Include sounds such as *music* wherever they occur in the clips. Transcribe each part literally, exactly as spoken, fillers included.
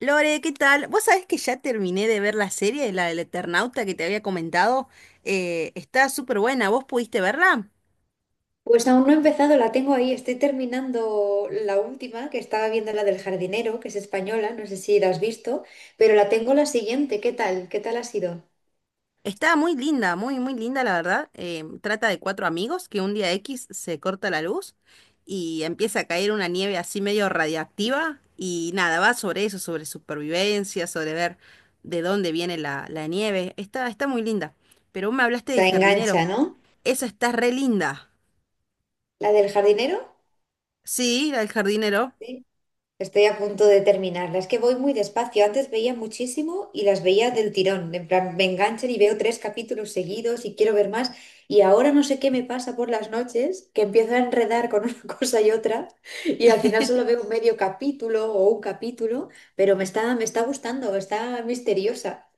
Lore, ¿qué tal? Vos sabés que ya terminé de ver la serie, la del Eternauta que te había comentado. Eh, está súper buena, ¿vos pudiste verla? Pues aún no he empezado, la tengo ahí. Estoy terminando la última, que estaba viendo la del jardinero, que es española, no sé si la has visto, pero la tengo la siguiente. ¿Qué tal? ¿Qué tal ha sido? Está muy linda, muy, muy linda, la verdad. Eh, trata de cuatro amigos que un día X se corta la luz y empieza a caer una nieve así medio radiactiva. Y nada, va sobre eso, sobre supervivencia, sobre ver de dónde viene la, la nieve. Está, está muy linda. Pero vos me hablaste del La jardinero. engancha, ¿no? Esa está re linda. ¿La del jardinero? Sí, la del jardinero. Sí. Estoy a punto de terminarla. Es que voy muy despacio. Antes veía muchísimo y las veía del tirón. En plan, me enganchan y veo tres capítulos seguidos y quiero ver más. Y ahora no sé qué me pasa por las noches, que empiezo a enredar con *laughs* una cosa y otra y al final solo *laughs* veo medio capítulo o un capítulo, pero me está, me está gustando, está misteriosa.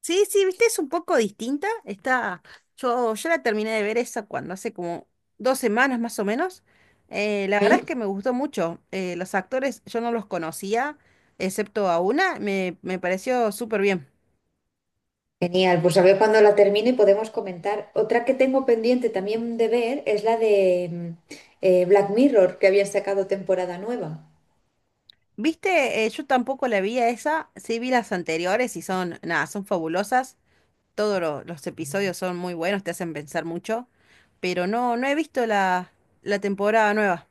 Sí, sí, viste, es un poco distinta. Está, yo ya la terminé de ver esa cuando hace como dos semanas más o menos. Eh, la verdad es Ujú. que me gustó mucho. Eh, los actores yo no los conocía, excepto a una, me, me pareció súper bien. Genial, pues a ver cuando la termine podemos comentar. Otra que tengo pendiente también de ver es la de mm, eh, Black Mirror, que había sacado temporada nueva. Viste, Eh, yo tampoco la vi a esa, sí vi las anteriores y son, nada, son fabulosas. Todos lo- los episodios son muy buenos, te hacen pensar mucho, pero no, no he visto la, la temporada nueva.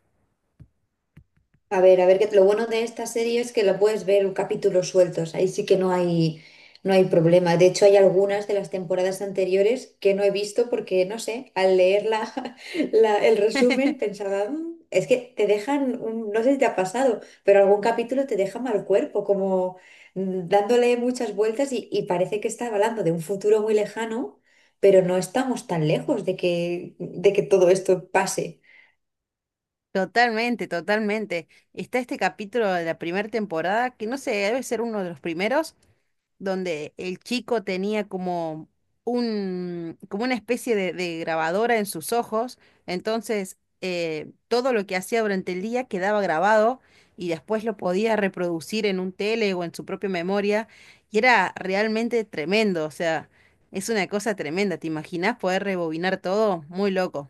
A ver, a ver, que lo bueno de esta serie es que la puedes ver en capítulos sueltos, ahí sí que no hay, no hay problema. De hecho, hay algunas de las temporadas anteriores que no he visto porque, no sé, al leer la, *laughs* la- el resumen *laughs* pensaba, "Mm", es que te dejan, un- no sé si te ha pasado, pero algún capítulo te deja mal cuerpo, como mm, dándole muchas vueltas y, y parece que está hablando de un futuro muy lejano, pero no estamos tan lejos de que, de que todo esto pase. Totalmente, totalmente. Está este capítulo de la primera temporada, que no sé, debe ser uno de los primeros, donde el chico tenía como un, como una especie de, de grabadora en sus ojos. Entonces, eh, todo lo que hacía durante el día quedaba grabado y después lo podía reproducir en un tele o en su propia memoria. Y era realmente tremendo. O sea, es una cosa tremenda. ¿Te imaginas poder rebobinar todo? Muy loco.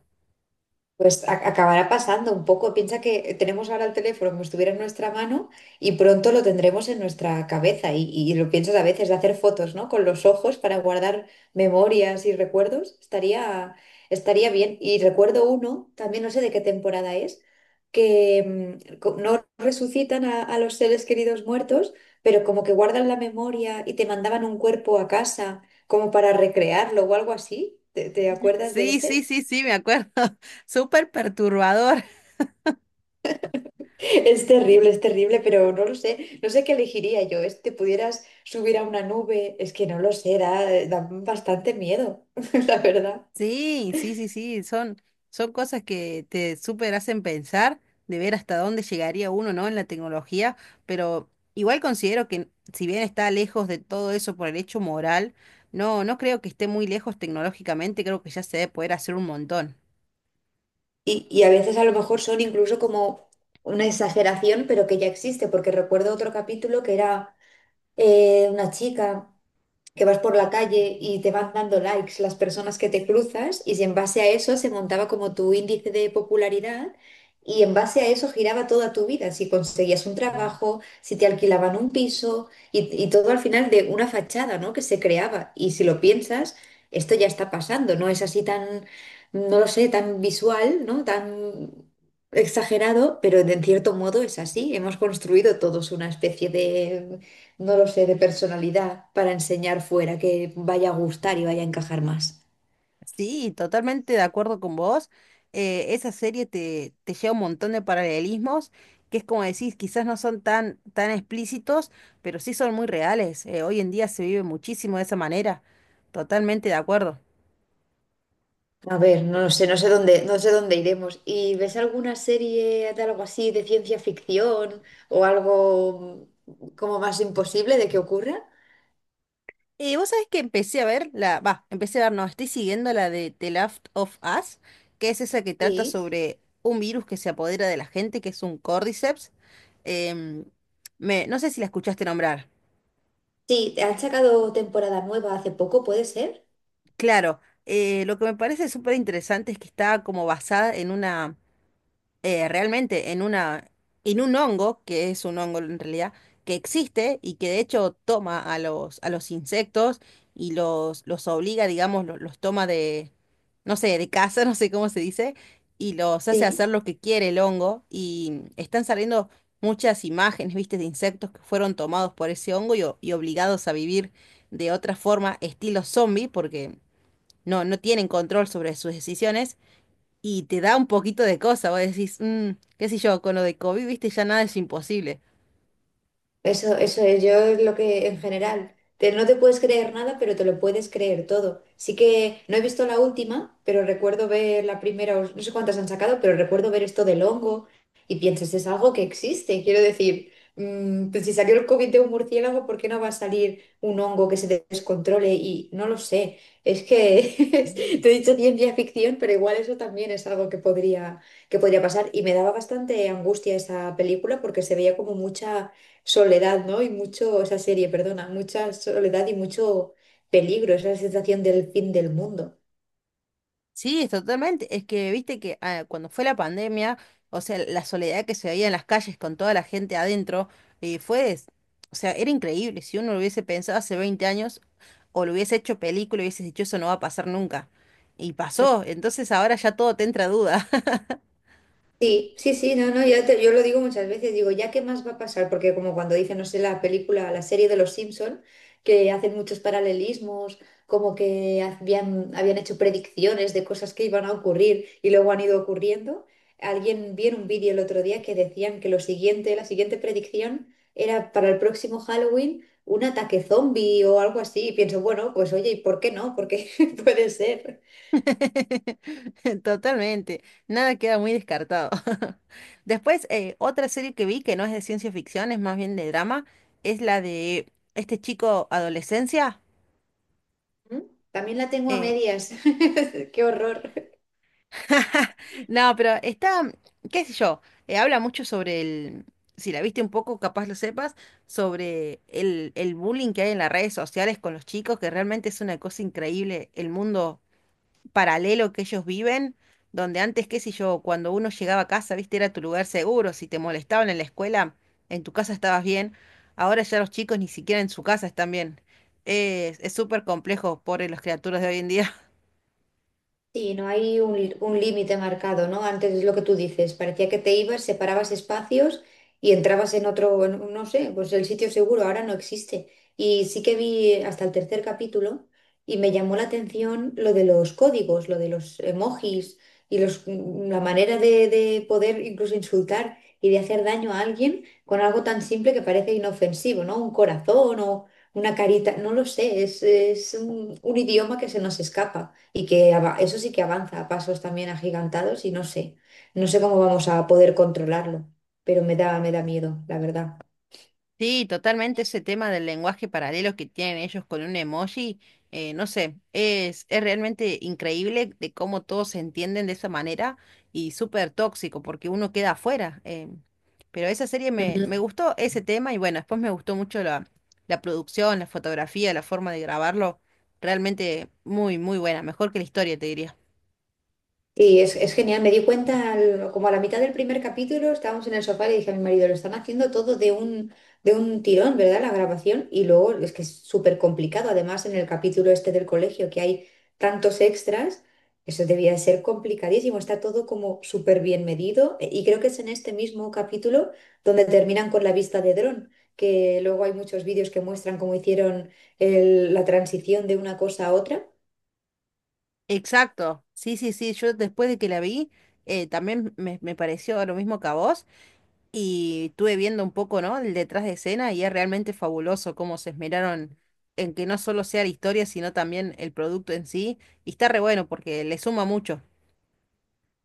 Pues a- acabará pasando un poco. Piensa que tenemos ahora el teléfono como si estuviera en nuestra mano y pronto lo tendremos en nuestra cabeza. Y, y lo piensas a veces de hacer fotos, ¿no? Con los ojos para guardar memorias y recuerdos. Estaría, estaría bien. Y recuerdo uno, también no sé de qué temporada es, que mm, co- no resucitan a, a los seres queridos muertos, pero como que guardan la memoria y te mandaban un cuerpo a casa como para recrearlo o algo así. te te acuerdas de Sí, sí, ese? sí, sí, me acuerdo. *laughs* Súper perturbador. Es terrible, es terrible, pero no lo sé. No sé qué elegiría yo. Es que pudieras subir a una nube. Es que no lo sé, da, eh, da bastante miedo, *laughs* la verdad. Sí, sí, sí, sí, son, son cosas que te súper hacen pensar de ver hasta dónde llegaría uno, ¿no? En la tecnología, pero igual considero que si bien está lejos de todo eso por el hecho moral, no, no creo que esté muy lejos tecnológicamente, creo que ya se debe poder hacer un montón. Y, y a veces a lo mejor son incluso como una exageración, pero que ya existe, porque recuerdo otro capítulo que era eh, una chica. Que vas por la calle y te van dando likes las personas que te cruzas y si en base a eso se montaba como tu índice de popularidad y en base a eso giraba toda tu vida, si conseguías un trabajo, si te alquilaban un piso y, y todo al final de una fachada, ¿no? Que se creaba. Y si lo piensas, esto ya está pasando, no es así tan, no lo sé, tan visual, ¿no? Tan exagerado, pero de- en cierto modo es así. Hemos construido todos una especie, no lo sé, de personalidad para enseñar fuera, que vaya a gustar y vaya a encajar más. Sí, totalmente de acuerdo con vos. Eh, esa serie te, te lleva un montón de paralelismos, que es como decís, quizás no son tan, tan explícitos, pero sí son muy reales. Eh, hoy en día se vive muchísimo de esa manera. Totalmente de acuerdo. A ver, no lo sé, no sé dónde, no sé dónde iremos. ¿Y ves alguna serie de algo así de ciencia ficción o algo mm, como más imposible de que ocurra? Eh, vos sabés que empecé a ver la, va, empecé a ver, no, estoy siguiendo la de The Last of Us, que es esa que trata Sí. sobre un virus que se apodera de la gente, que es un Cordyceps. Em, me, no sé si la escuchaste nombrar. Sí, han sacado temporada nueva hace poco, ¿puede ser? Claro, eh, lo que me parece súper interesante es que está como basada en una, eh, realmente en una, en un hongo, que es un hongo en realidad, que existe y que de hecho toma a los, a los insectos y los, los obliga, digamos, lo- los, toma de, no sé, de casa, *laughs* no sé cómo se dice, y los hace hacer Sí. lo que quiere el hongo. Y están saliendo muchas imágenes, viste, de insectos que fueron tomados por ese hongo y o- y obligados a vivir de otra forma, estilo zombie, porque no, no tienen control sobre sus decisiones y te da un poquito de cosa. Vos decís, "Mm, qué sé yo, con lo de COVID, viste, ya nada es imposible". Eso, eso es, yo es lo que en general, te- no te puedes creer nada, pero te lo puedes creer todo. Sí que no he visto la última, pero recuerdo ver la primera, o no sé cuántas han sacado, pero recuerdo ver esto del hongo y piensas, es algo que existe. Quiero decir, mm, pues si salió el COVID de un murciélago, ¿por qué no va a salir un hongo que se descontrole? Y no lo sé, es que *laughs* te he dicho ciencia ficción, pero igual eso también es algo que podría, que podría pasar. Y me daba bastante angustia esa película porque se veía como mucha soledad, ¿no? Y mucho, esa serie, perdona, mucha soledad y mucho peligro, esa sensación del fin del mundo. Sí, es totalmente. Es que viste que ah, cuando fue la pandemia, o sea, la soledad que se veía en las calles con toda la gente adentro, eh, fue, es- o sea, era increíble. Si uno lo hubiese pensado hace veinte años o lo hubiese hecho película, hubiese dicho, eso no va a pasar nunca. Y pasó, entonces ahora ya todo te entra duda. Sí, sí, sí, no, no, ya te- yo lo digo muchas veces, digo, ¿ya qué más va a pasar? Porque como cuando dicen, no sé, la película, la serie de los Simpson, que hacen muchos paralelismos, como que habían, habían hecho predicciones de cosas que iban a ocurrir y luego han ido ocurriendo. Alguien vi en un vídeo el otro día que decían que lo siguiente, la siguiente predicción era para el próximo Halloween un ataque zombie o algo así. Y pienso, bueno, pues oye, ¿y por qué no? Porque *laughs* puede ser. *laughs* Totalmente, nada queda muy descartado. *laughs* Después, eh, otra serie que vi que no es de ciencia ficción, es más bien de drama, es la de este chico adolescencia. ¿Mm? También la tengo a eh, medias. *laughs* Qué horror. *laughs* No, pero está, qué sé yo, eh, habla mucho sobre el, si la viste un poco, capaz lo sepas, sobre el, el bullying que hay en las redes sociales con los chicos, que realmente es una cosa increíble el mundo paralelo que ellos viven, donde antes, qué sé yo, cuando uno llegaba a casa, viste, era tu lugar seguro, si te molestaban en la escuela, en tu casa estabas bien, ahora ya los chicos ni siquiera en su casa están bien. Es es súper complejo, pobre las criaturas de hoy en día. Sí, no hay un, un límite marcado, ¿no? Antes es lo que tú dices, parecía que te ibas, separabas espacios y entrabas en otro, en un- no sé, pues el sitio seguro ahora no existe. Y sí que vi hasta el tercer capítulo y me llamó la atención lo de los códigos, lo de los emojis y los, la manera de, de poder incluso insultar y de hacer daño a alguien con algo tan simple que parece inofensivo, ¿no? Un corazón o una carita, no lo sé, es, es un un idioma que se nos escapa y que ava- eso sí que avanza a pasos también agigantados y no sé, no sé cómo vamos a poder controlarlo, pero me da, me da miedo, la verdad. Sí, totalmente ese tema del lenguaje paralelo que tienen ellos con un emoji, eh, no sé, es, es realmente increíble de cómo todos se entienden de esa manera y súper tóxico porque uno queda afuera. eh. Pero esa serie me, me gustó ese tema y bueno, después me gustó mucho la, la producción, la fotografía, la forma de grabarlo, realmente muy, muy buena, mejor que la historia, te diría. Sí, es, es genial, me di cuenta al- como a la mitad del primer capítulo, estábamos en el sofá y le dije a mi marido, lo están haciendo todo de un, de un tirón, ¿verdad? La grabación. Y luego es que es súper complicado, además en el capítulo este del colegio que hay tantos extras, eso debía de ser complicadísimo, está todo como súper bien medido. E- Y creo que es en este mismo capítulo donde terminan con la vista de dron, que luego hay muchos vídeos que muestran cómo hicieron el- la transición de una cosa a otra. Exacto, sí, sí, sí, yo después de que la vi, eh, también me, me pareció lo mismo que a vos. Y estuve viendo un poco, ¿no? El detrás de escena y es realmente fabuloso cómo se esmeraron en que no solo sea la historia, sino también el producto en sí. Y está re bueno porque le suma mucho.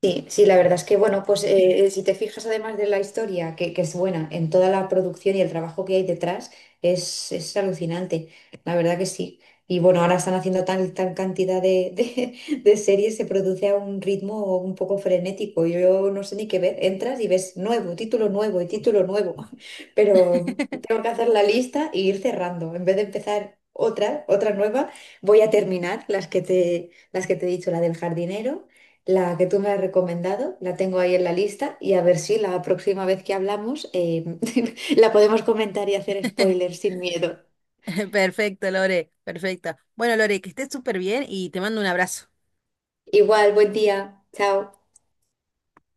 Sí, sí, la verdad es que, bueno, pues eh, si te fijas además de la historia, que, que es buena, en toda la producción y el trabajo que hay detrás, es, es alucinante, la verdad que sí. Y bueno, ahora están haciendo tal, tal cantidad de, de, de series, se produce a un ritmo un poco frenético, yo no sé ni qué ver, entras y ves nuevo, título nuevo y título nuevo, *laughs* pero tengo que *laughs* hacer la lista e ir cerrando, en vez de empezar otra, otra nueva, voy a terminar las que te, las que te he dicho, la del jardinero. La que tú me has recomendado, la tengo ahí en la lista y a ver si la próxima vez que hablamos eh, *laughs* la podemos comentar y hacer spoilers sin miedo. Perfecto, Lore, perfecto. Bueno, Lore, que estés súper bien y te mando un abrazo. Igual, buen día. Chao.